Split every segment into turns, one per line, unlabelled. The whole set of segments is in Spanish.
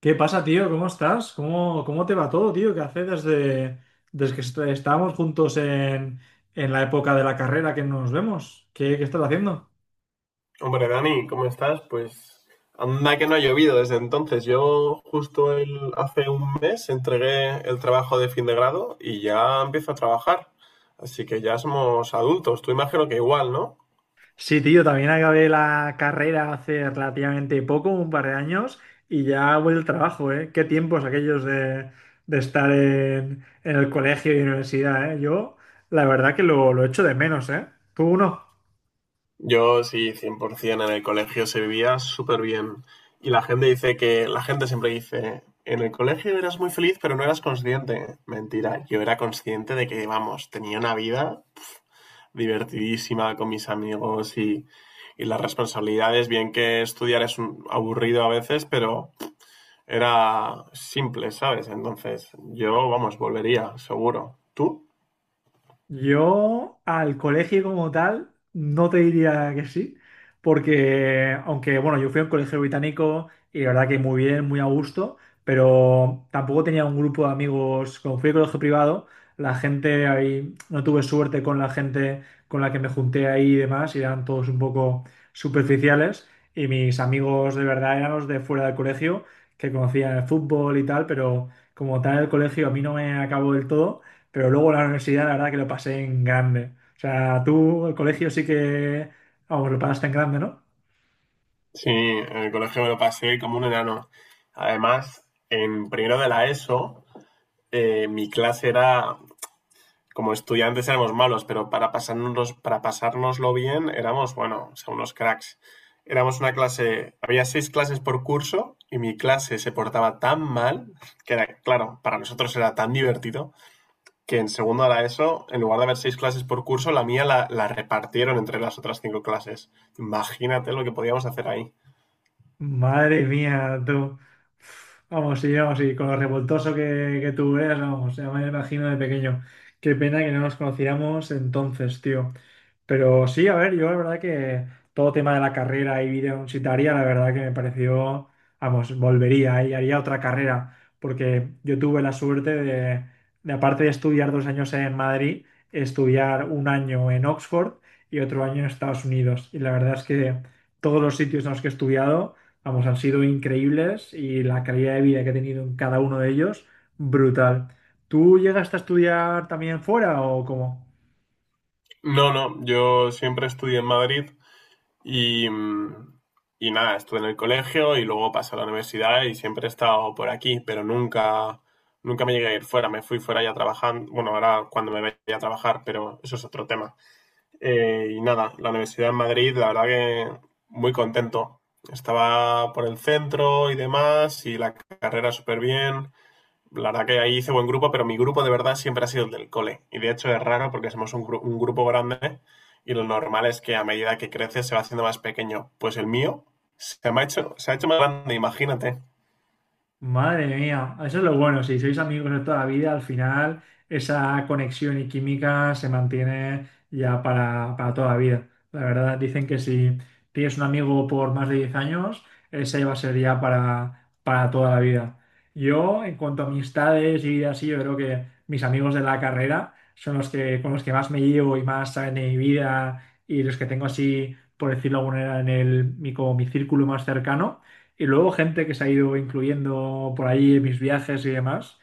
¿Qué pasa, tío? ¿Cómo estás? ¿Cómo te va todo, tío? ¿Qué hace desde estábamos juntos en la época de la carrera que nos vemos? ¿Qué estás haciendo?
Hombre, Dani, ¿cómo estás? Pues anda que no ha llovido desde entonces. Yo justo hace un mes entregué el trabajo de fin de grado y ya empiezo a trabajar. Así que ya somos adultos. Tú imagino que igual, ¿no?
Sí, tío, también acabé la carrera hace relativamente poco, un par de años, y ya voy al trabajo, ¿eh? Qué tiempos aquellos de estar en el colegio y universidad, ¿eh? Yo, la verdad que lo echo de menos, ¿eh? ¿Tú no?
Yo sí, 100% en el colegio se vivía súper bien. Y la gente dice que, la gente siempre dice, en el colegio eras muy feliz, pero no eras consciente. Mentira, yo era consciente de que, vamos, tenía una vida divertidísima con mis amigos y las responsabilidades, bien que estudiar es aburrido a veces, pero era simple, ¿sabes? Entonces, yo, vamos, volvería, seguro. ¿Tú?
Yo al colegio como tal no te diría que sí, porque aunque bueno, yo fui a un colegio británico y la verdad que muy bien, muy a gusto, pero tampoco tenía un grupo de amigos, como fui a colegio privado, la gente ahí, no tuve suerte con la gente con la que me junté ahí y demás, y eran todos un poco superficiales, y mis amigos de verdad eran los de fuera del colegio, que conocían el fútbol y tal, pero como tal el colegio a mí no me acabó del todo. Pero luego la universidad, la verdad que lo pasé en grande. O sea, tú, el colegio sí que, vamos, lo pasaste en grande, ¿no?
Sí, en el colegio me lo pasé como un enano. Además, en primero de la ESO, mi clase era como estudiantes éramos malos, pero para pasarnos, para pasárnoslo bien éramos, bueno, o sea, unos cracks. Éramos una clase, había seis clases por curso y mi clase se portaba tan mal que era, claro, para nosotros era tan divertido que en segundo a la ESO, en lugar de haber seis clases por curso, la mía la repartieron entre las otras cinco clases. Imagínate lo que podíamos hacer ahí.
Madre mía, tú. Vamos, y vamos, y con lo revoltoso que tú eras, vamos, ya me imagino de pequeño. Qué pena que no nos conociéramos entonces, tío. Pero sí, a ver, yo la verdad que todo tema de la carrera y vida universitaria, la verdad que me pareció, vamos, volvería y haría otra carrera, porque yo tuve la suerte aparte de estudiar 2 años en Madrid, estudiar un año en Oxford y otro año en Estados Unidos. Y la verdad es que todos los sitios en los que he estudiado, vamos, han sido increíbles y la calidad de vida que he tenido en cada uno de ellos, brutal. ¿Tú llegaste a estudiar también fuera o cómo?
No, no, yo siempre estudié en Madrid. Y, mm, y nada, estuve en el colegio y luego pasé a la universidad y siempre he estado por aquí, pero nunca me llegué a ir fuera. Me fui fuera ya trabajando, bueno, ahora cuando me vaya a trabajar, pero eso es otro tema. Y nada, la universidad en Madrid, la verdad que muy contento. Estaba por el centro y demás y la carrera súper bien, la verdad que ahí hice buen grupo, pero mi grupo de verdad siempre ha sido el del cole. Y de hecho es raro porque somos un grupo grande y lo normal es que a medida que creces se va haciendo más pequeño. Pues el mío se me ha hecho, se ha hecho más grande, imagínate.
Madre mía, eso es lo bueno, si sois amigos de toda la vida, al final esa conexión y química se mantiene ya para toda la vida. La verdad, dicen que si tienes un amigo por más de 10 años, ese va a ser ya para toda la vida. Yo, en cuanto a amistades y así, yo creo que mis amigos de la carrera son los que, con los que más me llevo y más saben de mi vida y los que tengo así, por decirlo de alguna manera, en el, mi, como mi círculo más cercano. Y luego gente que se ha ido incluyendo por ahí en mis viajes y demás.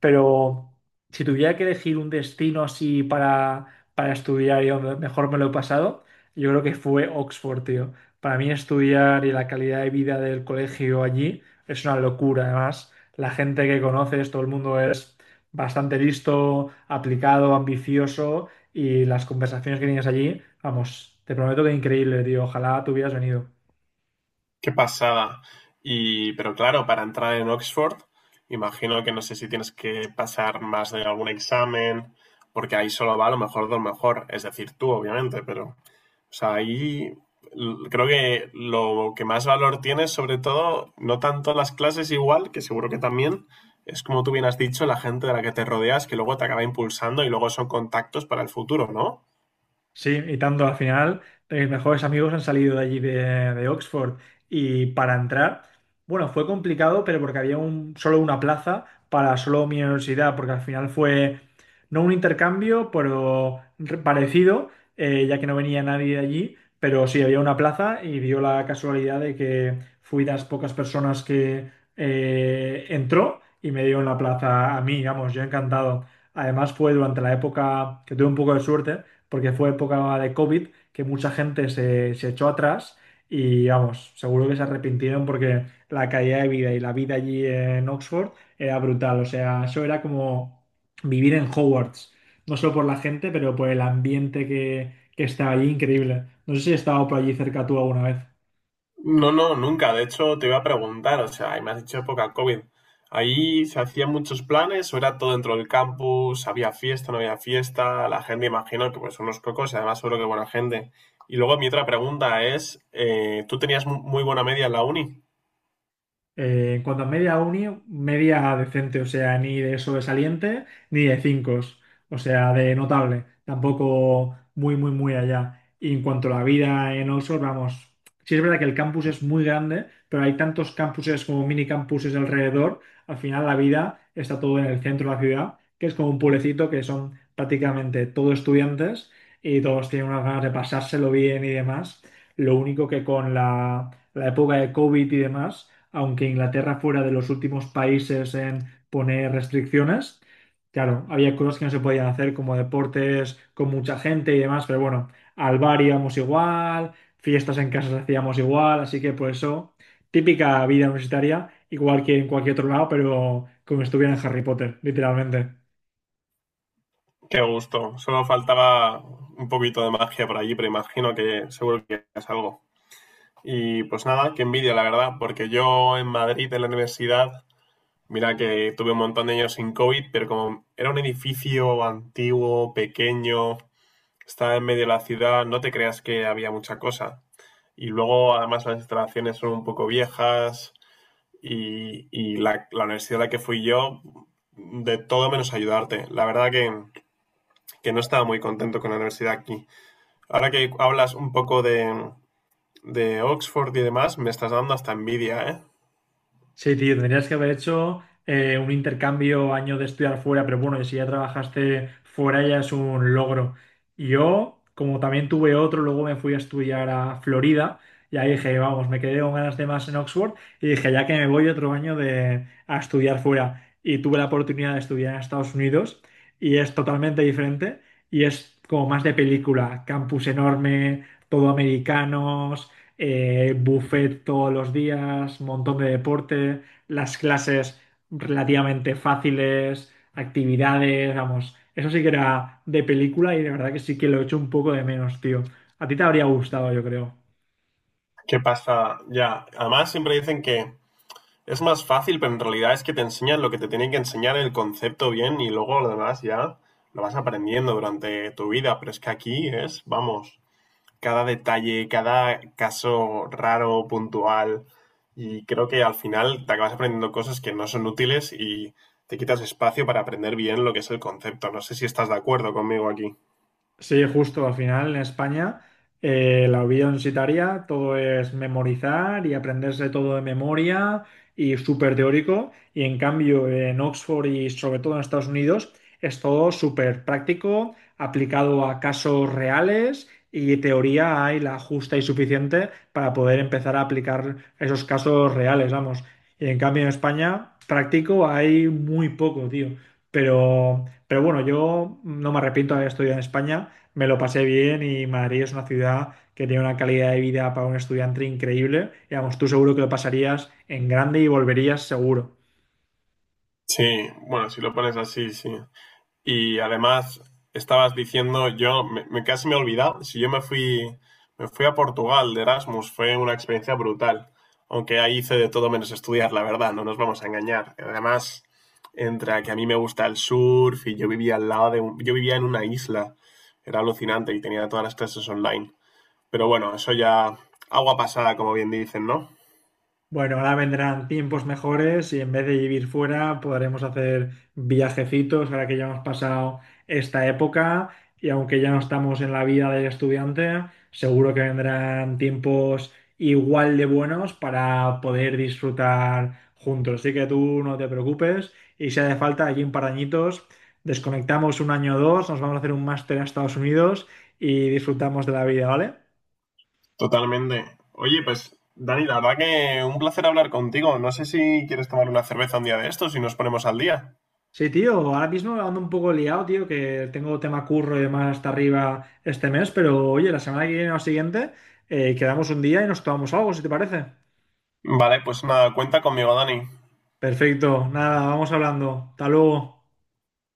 Pero si tuviera que elegir un destino así para estudiar y donde mejor me lo he pasado, yo creo que fue Oxford, tío. Para mí estudiar y la calidad de vida del colegio allí es una locura. Además, la gente que conoces, todo el mundo es bastante listo, aplicado, ambicioso y las conversaciones que tienes allí, vamos, te prometo que increíble, tío. Ojalá tú hubieras venido.
Qué pasada. Y, pero claro, para entrar en Oxford, imagino que no sé si tienes que pasar más de algún examen, porque ahí solo va a lo mejor de lo mejor. Es decir, tú, obviamente, pero... O sea, ahí creo que lo que más valor tiene es sobre todo, no tanto las clases igual, que seguro que también, es como tú bien has dicho, la gente de la que te rodeas que luego te acaba impulsando y luego son contactos para el futuro, ¿no?
Sí, y tanto al final, mis mejores amigos han salido de allí de Oxford. Y para entrar, bueno, fue complicado, pero porque había solo una plaza para solo mi universidad, porque al final fue no un intercambio, pero parecido, ya que no venía nadie de allí, pero sí había una plaza y dio la casualidad de que fui de las pocas personas que entró y me dio en la plaza a mí, vamos, yo encantado. Además fue durante la época que tuve un poco de suerte porque fue época de COVID que mucha gente se echó atrás y vamos, seguro que se arrepintieron porque la calidad de vida y la vida allí en Oxford era brutal. O sea, eso era como vivir en Hogwarts, no solo por la gente, pero por el ambiente que estaba allí, increíble. No sé si has estado por allí cerca tú alguna vez.
No, no, nunca. De hecho, te iba a preguntar, o sea, ahí me has dicho época COVID. Ahí se hacían muchos planes, o era todo dentro del campus, había fiesta, no había fiesta, la gente imagino que pues unos cocos y además seguro que buena gente. Y luego mi otra pregunta es, ¿tú tenías muy buena media en la uni?
En cuanto a media uni, media decente, o sea, ni de sobresaliente ni de cinco, o sea, de notable, tampoco muy, muy, muy allá. Y en cuanto a la vida en Oxford, vamos, sí es verdad que el campus es muy grande, pero hay tantos campuses como mini campuses alrededor, al final la vida está todo en el centro de la ciudad, que es como un pueblecito que son prácticamente todos estudiantes y todos tienen unas ganas de pasárselo bien y demás. Lo único que con la época de COVID y demás, aunque Inglaterra fuera de los últimos países en poner restricciones. Claro, había cosas que no se podían hacer como deportes con mucha gente y demás, pero bueno, al bar íbamos igual, fiestas en casas hacíamos igual, así que por eso, típica vida universitaria, igual que en cualquier otro lado, pero como si estuviera en Harry Potter, literalmente.
Qué gusto. Solo faltaba un poquito de magia por allí, pero imagino que seguro que es algo. Y pues nada, qué envidia, la verdad, porque yo en Madrid, en la universidad, mira que tuve un montón de años sin COVID, pero como era un edificio antiguo, pequeño, estaba en medio de la ciudad, no te creas que había mucha cosa. Y luego, además, las instalaciones son un poco viejas y, y la universidad a la que fui yo, de todo menos ayudarte. La verdad que no estaba muy contento con la universidad aquí. Ahora que hablas un poco de Oxford y demás, me estás dando hasta envidia, ¿eh?
Sí, tío, tendrías que haber hecho un intercambio, año de estudiar fuera, pero bueno, y si ya trabajaste fuera ya es un logro. Yo, como también tuve otro, luego me fui a estudiar a Florida y ahí dije, vamos, me quedé con ganas de más en Oxford y dije, ya que me voy otro año a estudiar fuera. Y tuve la oportunidad de estudiar en Estados Unidos y es totalmente diferente y es como más de película, campus enorme, todo americanos, buffet todos los días, montón de deporte, las clases relativamente fáciles, actividades, vamos, eso sí que era de película y de verdad que sí que lo he hecho un poco de menos, tío. A ti te habría gustado, yo creo.
¿Qué pasa? Ya, además siempre dicen que es más fácil, pero en realidad es que te enseñan lo que te tienen que enseñar, el concepto bien, y luego lo demás ya lo vas aprendiendo durante tu vida, pero es que aquí es, vamos, cada detalle, cada caso raro, puntual. Y creo que al final te acabas aprendiendo cosas que no son útiles y te quitas espacio para aprender bien lo que es el concepto. No sé si estás de acuerdo conmigo aquí.
Sí, justo al final en España, la vida universitaria todo es memorizar y aprenderse todo de memoria y súper teórico, y en cambio en Oxford y sobre todo en Estados Unidos es todo súper práctico, aplicado a casos reales, y teoría hay la justa y suficiente para poder empezar a aplicar esos casos reales, vamos. Y en cambio en España práctico hay muy poco, tío. Pero bueno, yo no me arrepiento de haber estudiado en España, me lo pasé bien y Madrid es una ciudad que tiene una calidad de vida para un estudiante increíble. Y vamos, tú seguro que lo pasarías en grande y volverías seguro.
Sí, bueno, si lo pones así, sí. Y además, estabas diciendo, yo casi me he olvidado, si yo me fui a Portugal de Erasmus, fue una experiencia brutal. Aunque ahí hice de todo menos estudiar, la verdad, no nos vamos a engañar. Además, entre que a mí me gusta el surf y yo vivía al lado de yo vivía en una isla, era alucinante y tenía todas las clases online. Pero bueno, eso ya agua pasada, como bien dicen, ¿no?
Bueno, ahora vendrán tiempos mejores y en vez de vivir fuera podremos hacer viajecitos ahora que ya hemos pasado esta época, y aunque ya no estamos en la vida del estudiante, seguro que vendrán tiempos igual de buenos para poder disfrutar juntos. Así que tú no te preocupes, y si hace falta, allí un par de añitos, desconectamos un año o dos, nos vamos a hacer un máster a Estados Unidos y disfrutamos de la vida, ¿vale?
Totalmente. Oye, pues Dani, la verdad que un placer hablar contigo. No sé si quieres tomar una cerveza un día de estos y nos ponemos al día.
Sí, tío, ahora mismo ando un poco liado, tío, que tengo tema curro y demás hasta arriba este mes, pero oye, la semana que viene o siguiente, quedamos un día y nos tomamos algo, si te parece.
Vale, pues nada, cuenta conmigo, Dani.
Perfecto, nada, vamos hablando. Hasta luego.